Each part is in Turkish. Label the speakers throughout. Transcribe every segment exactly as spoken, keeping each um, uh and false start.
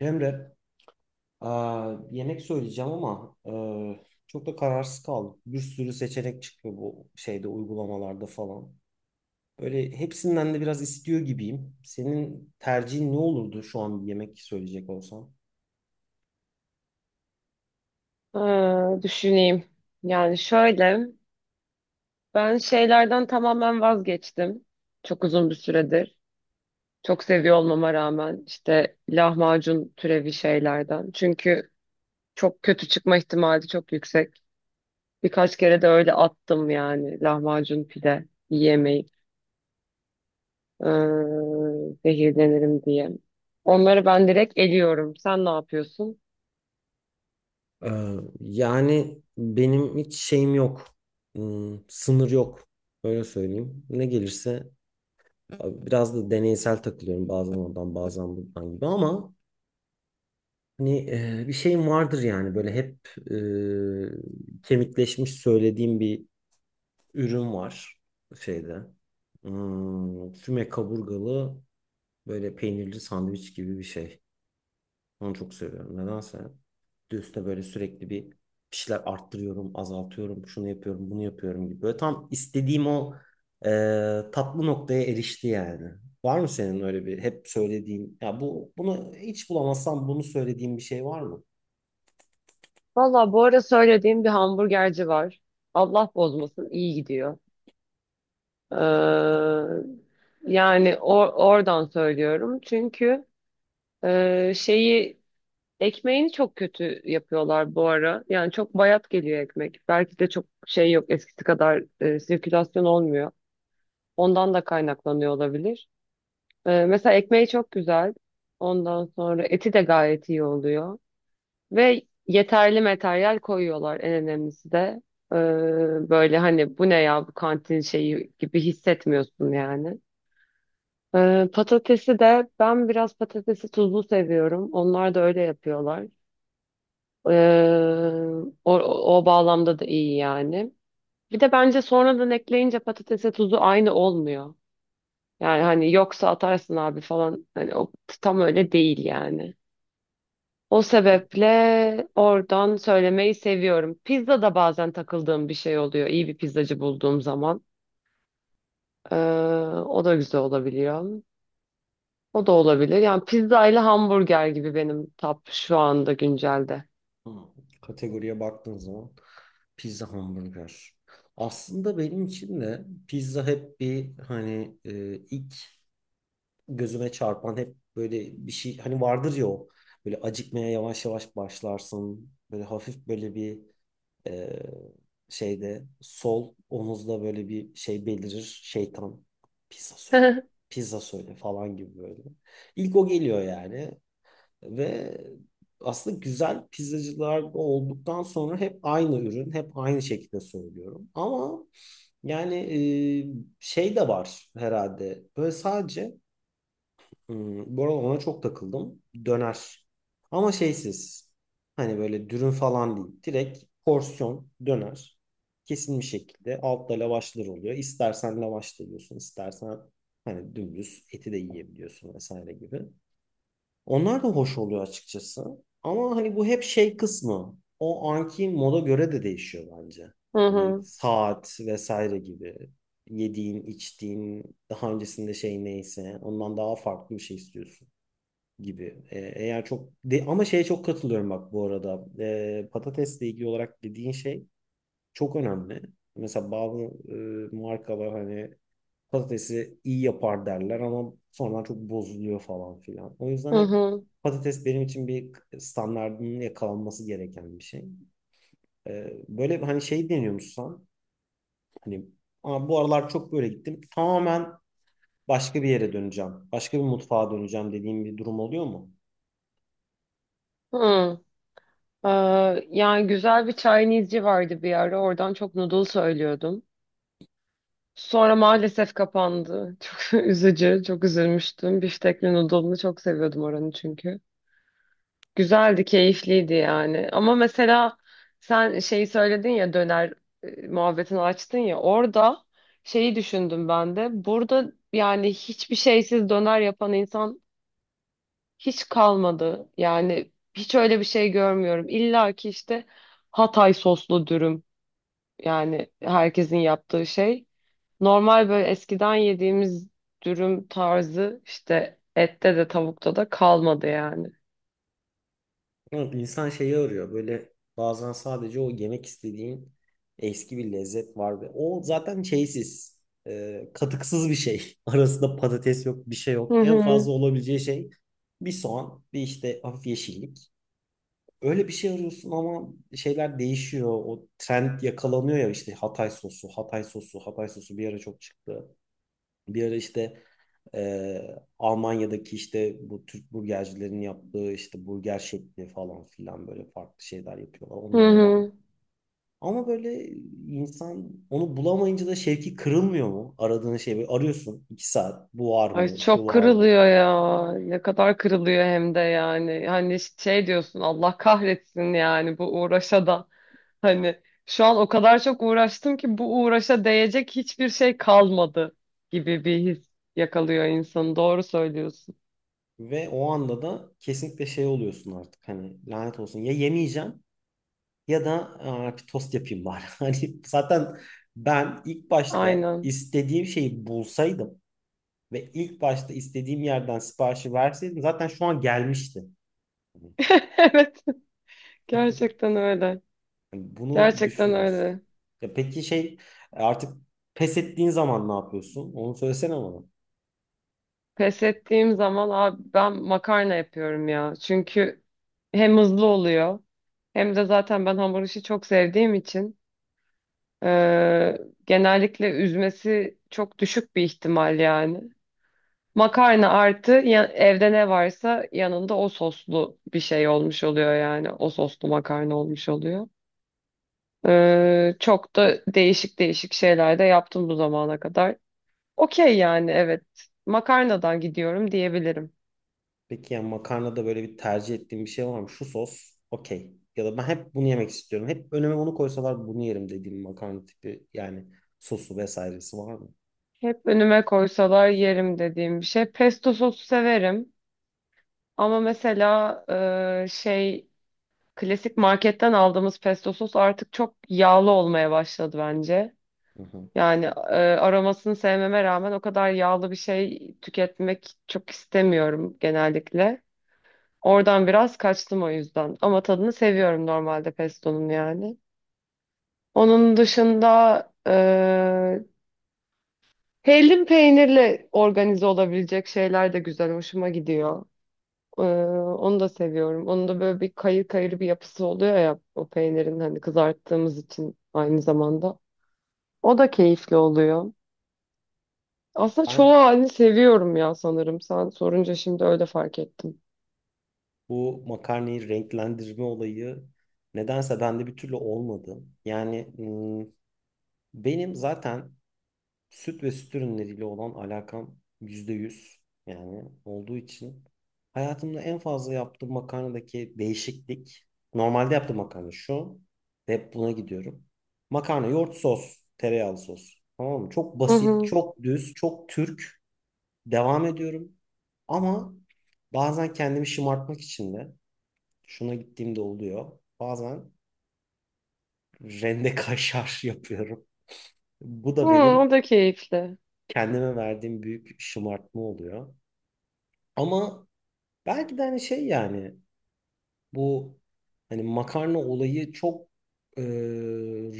Speaker 1: Emre, aa, yemek söyleyeceğim ama eee, çok da kararsız kaldım. Bir sürü seçenek çıkıyor bu şeyde, uygulamalarda falan. Böyle hepsinden de biraz istiyor gibiyim. Senin tercihin ne olurdu şu an bir yemek söyleyecek olsan?
Speaker 2: Ha, düşüneyim. Yani şöyle, ben şeylerden tamamen vazgeçtim. Çok uzun bir süredir. Çok seviyor olmama rağmen işte lahmacun türevi şeylerden. Çünkü çok kötü çıkma ihtimali çok yüksek. Birkaç kere de öyle attım yani lahmacun pide yiyemeyip ee, zehirlenirim diye. Onları ben direkt eliyorum. Sen ne yapıyorsun?
Speaker 1: Ee, yani benim hiç şeyim yok. Hmm, sınır yok. Öyle söyleyeyim. Ne gelirse biraz da deneysel takılıyorum. Bazen oradan bazen buradan gibi ama hani, e, bir şeyim vardır yani, böyle hep e, kemikleşmiş söylediğim bir ürün var şeyde. Hmm, füme kaburgalı böyle peynirli sandviç gibi bir şey. Onu çok seviyorum. Nedense de üstüne böyle sürekli bir bir şeyler arttırıyorum, azaltıyorum, şunu yapıyorum, bunu yapıyorum gibi. Böyle tam istediğim o e, tatlı noktaya erişti yani. Var mı senin öyle bir hep söylediğin, ya bu bunu hiç bulamazsam bunu söylediğin bir şey var mı?
Speaker 2: Valla bu ara söylediğim bir hamburgerci var. Allah bozmasın iyi gidiyor. Ee, Yani or- oradan söylüyorum. Çünkü e, şeyi ekmeğini çok kötü yapıyorlar bu ara. Yani çok bayat geliyor ekmek. Belki de çok şey yok eskisi kadar e, sirkülasyon olmuyor. Ondan da kaynaklanıyor olabilir. Ee, mesela ekmeği çok güzel. Ondan sonra eti de gayet iyi oluyor. Ve yeterli materyal koyuyorlar en önemlisi de. Ee, böyle hani bu ne ya bu kantin şeyi gibi hissetmiyorsun yani. Ee, patatesi de ben biraz patatesi tuzlu seviyorum. Onlar da öyle yapıyorlar. Ee, o, o bağlamda da iyi yani. Bir de bence sonradan ekleyince patatese tuzu aynı olmuyor. Yani hani yoksa atarsın abi falan. Hani o tam öyle değil yani. O sebeple oradan söylemeyi seviyorum. Pizza da bazen takıldığım bir şey oluyor. İyi bir pizzacı bulduğum zaman. Ee, o da güzel olabiliyor. O da olabilir. Yani pizza ile hamburger gibi benim top şu anda güncelde.
Speaker 1: Hı. Kategoriye baktığın zaman pizza, hamburger. Aslında benim için de pizza hep bir hani, e, ilk gözüme çarpan hep böyle bir şey hani vardır ya, o böyle acıkmaya yavaş yavaş başlarsın. Böyle hafif böyle bir e, şeyde, sol omuzda böyle bir şey belirir. Şeytan, pizza söyle. Pizza söyle falan gibi böyle. İlk o geliyor yani. Ve aslında güzel pizzacılar olduktan sonra hep aynı ürün, hep aynı şekilde söylüyorum. Ama yani e, şey de var herhalde. Böyle sadece hmm, bu arada ona çok takıldım. Döner. Ama şeysiz. Hani böyle dürüm falan değil. Direkt porsiyon döner. Kesin bir şekilde altta lavaşlar oluyor. İstersen lavaş da yiyorsun, istersen hani dümdüz eti de yiyebiliyorsun vesaire gibi. Onlar da hoş oluyor açıkçası. Ama hani bu hep şey kısmı. O anki moda göre de değişiyor bence.
Speaker 2: Hı
Speaker 1: Hani
Speaker 2: hı.
Speaker 1: saat vesaire gibi. Yediğin, içtiğin, daha öncesinde şey neyse, ondan daha farklı bir şey istiyorsun gibi. Ee, eğer çok de, ama şeye çok katılıyorum bak bu arada. Ee, patatesle ilgili olarak dediğin şey çok önemli. Mesela bazı e, markalar hani patatesi iyi yapar derler ama sonradan çok bozuluyor falan filan. O yüzden
Speaker 2: Hı
Speaker 1: hep
Speaker 2: hı.
Speaker 1: patates benim için bir standardının yakalanması gereken bir şey. Ee, böyle hani şey deniyormuşsan, hani, "Aa, bu aralar çok böyle gittim. Tamamen başka bir yere döneceğim. Başka bir mutfağa döneceğim" dediğim bir durum oluyor mu?
Speaker 2: Hı. Ee, yani güzel bir Chinese'ci vardı bir ara. Oradan çok noodle söylüyordum. Sonra maalesef kapandı. Çok üzücü, çok üzülmüştüm. Biftekli noodle'ını çok seviyordum oranı çünkü. Güzeldi, keyifliydi yani. Ama mesela sen şeyi söyledin ya döner e, muhabbetini açtın ya orada şeyi düşündüm ben de. Burada yani hiçbir şeysiz döner yapan insan hiç kalmadı. Yani hiç öyle bir şey görmüyorum. İlla ki işte Hatay soslu dürüm yani herkesin yaptığı şey. Normal böyle eskiden yediğimiz dürüm tarzı işte ette de tavukta da kalmadı yani.
Speaker 1: Ama insan şeyi arıyor. Böyle bazen sadece o yemek istediğin eski bir lezzet var ve o zaten şeysiz, e, katıksız bir şey. Arasında patates yok, bir şey
Speaker 2: Hı
Speaker 1: yok. En
Speaker 2: hı.
Speaker 1: fazla olabileceği şey bir soğan, bir işte hafif yeşillik. Öyle bir şey arıyorsun ama şeyler değişiyor. O trend yakalanıyor ya, işte Hatay sosu, Hatay sosu, Hatay sosu bir ara çok çıktı. Bir ara işte ee, Almanya'daki işte bu Türk burgercilerin yaptığı işte burger şekli falan filan, böyle farklı şeyler yapıyorlar.
Speaker 2: Hı
Speaker 1: Onlar var mı?
Speaker 2: hı.
Speaker 1: Ama böyle insan onu bulamayınca da şevki kırılmıyor mu? Aradığın şey, böyle arıyorsun iki saat, bu var
Speaker 2: Ay
Speaker 1: mı, şu
Speaker 2: çok
Speaker 1: var mı?
Speaker 2: kırılıyor ya. Ne kadar kırılıyor hem de yani. Hani şey diyorsun Allah kahretsin yani bu uğraşa da. Hani şu an o kadar çok uğraştım ki bu uğraşa değecek hiçbir şey kalmadı gibi bir his yakalıyor insanı. Doğru söylüyorsun.
Speaker 1: Ve o anda da kesinlikle şey oluyorsun artık, hani lanet olsun ya, yemeyeceğim ya da, "Aa, bir tost yapayım bari." Hani zaten ben ilk başta
Speaker 2: Aynen.
Speaker 1: istediğim şeyi bulsaydım ve ilk başta istediğim yerden siparişi verseydim zaten şu an gelmişti.
Speaker 2: Evet, gerçekten öyle.
Speaker 1: Yani bunu
Speaker 2: Gerçekten
Speaker 1: düşününüz.
Speaker 2: öyle.
Speaker 1: Ya peki şey, artık pes ettiğin zaman ne yapıyorsun? Onu söylesene bana.
Speaker 2: Pes ettiğim zaman abi ben makarna yapıyorum ya. Çünkü hem hızlı oluyor hem de zaten ben hamur işi çok sevdiğim için eee, genellikle üzmesi çok düşük bir ihtimal yani. Makarna artı ya- evde ne varsa yanında o soslu bir şey olmuş oluyor yani. O soslu makarna olmuş oluyor. Ee, çok da değişik değişik şeyler de yaptım bu zamana kadar. Okey yani evet. Makarnadan gidiyorum diyebilirim.
Speaker 1: Peki yani makarnada böyle bir tercih ettiğin bir şey var mı? Şu sos okey. Ya da ben hep bunu yemek istiyorum. Hep önüme onu koysalar bunu yerim dediğim makarna tipi, yani sosu vesairesi var mı?
Speaker 2: Hep önüme koysalar yerim dediğim bir şey. Pesto sosu severim. Ama mesela e, şey klasik marketten aldığımız pesto sos artık çok yağlı olmaya başladı bence.
Speaker 1: Hı hı.
Speaker 2: Yani e, aromasını sevmeme rağmen o kadar yağlı bir şey tüketmek çok istemiyorum genellikle. Oradan biraz kaçtım o yüzden. Ama tadını seviyorum normalde pestonun yani. Onun dışında e, hellim peynirle organize olabilecek şeyler de güzel, hoşuma gidiyor. E, onu da seviyorum. Onun da böyle bir kayır kayır bir yapısı oluyor ya o peynirin hani kızarttığımız için aynı zamanda. O da keyifli oluyor. Aslında
Speaker 1: Ben
Speaker 2: çoğu halini seviyorum ya sanırım. Sen sorunca şimdi öyle fark ettim.
Speaker 1: bu makarnayı renklendirme olayı nedense bende bir türlü olmadı. Yani hmm, benim zaten süt ve süt ürünleriyle olan alakam yüzde yüz yani olduğu için hayatımda en fazla yaptığım makarnadaki değişiklik, normalde yaptığım makarna şu ve hep buna gidiyorum. Makarna, yoğurt, sos, tereyağlı sos. Tamam mı? Çok
Speaker 2: Hı
Speaker 1: basit,
Speaker 2: hı.
Speaker 1: çok düz, çok Türk. Devam ediyorum. Ama bazen kendimi şımartmak için de şuna gittiğimde oluyor. Bazen rende kaşar yapıyorum. Bu
Speaker 2: Hı,
Speaker 1: da benim
Speaker 2: o da keyifli.
Speaker 1: kendime verdiğim büyük şımartma oluyor. Ama belki de hani şey yani, bu hani makarna olayı çok e,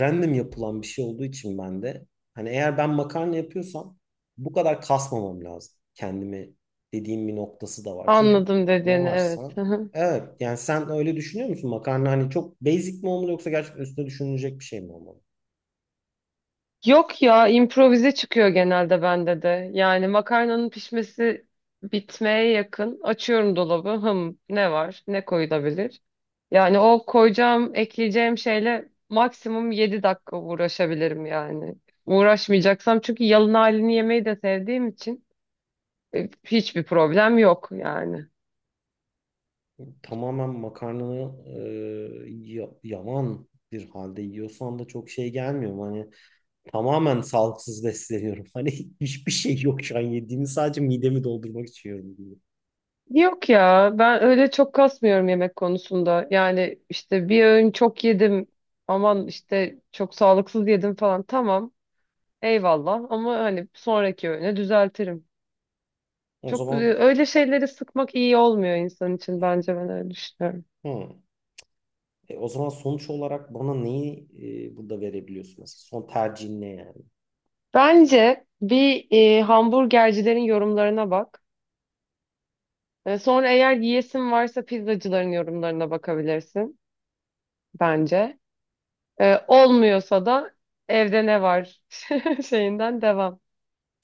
Speaker 1: random yapılan bir şey olduğu için ben de hani eğer ben makarna yapıyorsam bu kadar kasmamam lazım kendimi dediğim bir noktası da var. Çünkü
Speaker 2: Anladım
Speaker 1: ne
Speaker 2: dediğini evet.
Speaker 1: varsa,
Speaker 2: Hı hı.
Speaker 1: evet yani, sen öyle düşünüyor musun, makarna hani çok basic mi olmalı yoksa gerçekten üstüne düşünülecek bir şey mi olmalı?
Speaker 2: Yok ya improvize çıkıyor genelde bende de. Yani makarnanın pişmesi bitmeye yakın. Açıyorum dolabı. Hım ne var? Ne koyulabilir? Yani o koyacağım, ekleyeceğim şeyle maksimum yedi dakika uğraşabilirim yani. Uğraşmayacaksam çünkü yalın halini yemeyi de sevdiğim için. E, Hiçbir problem yok yani.
Speaker 1: Tamamen makarnanı e, ya- yaman bir halde yiyorsan da çok şey gelmiyor, hani tamamen sağlıksız besleniyorum. Hani hiçbir şey yok, şu an yediğimi sadece midemi doldurmak için yiyorum gibi.
Speaker 2: Yok ya ben öyle çok kasmıyorum yemek konusunda. Yani işte bir öğün çok yedim aman işte çok sağlıksız yedim falan tamam eyvallah ama hani sonraki öğüne düzeltirim.
Speaker 1: O
Speaker 2: Çok e,
Speaker 1: zaman
Speaker 2: öyle şeyleri sıkmak iyi olmuyor insan için bence ben öyle düşünüyorum.
Speaker 1: hı. E, o zaman sonuç olarak bana neyi e, burada verebiliyorsun mesela? Son tercihin ne yani?
Speaker 2: Bence bir e, hamburgercilerin yorumlarına bak. E, sonra eğer yiyesin varsa pizzacıların yorumlarına bakabilirsin bence. E, olmuyorsa da evde ne var şeyinden devam.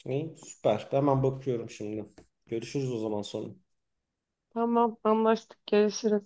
Speaker 1: İyi, süper. Hemen bakıyorum şimdi. Görüşürüz o zaman sonra.
Speaker 2: Tamam anlaştık görüşürüz.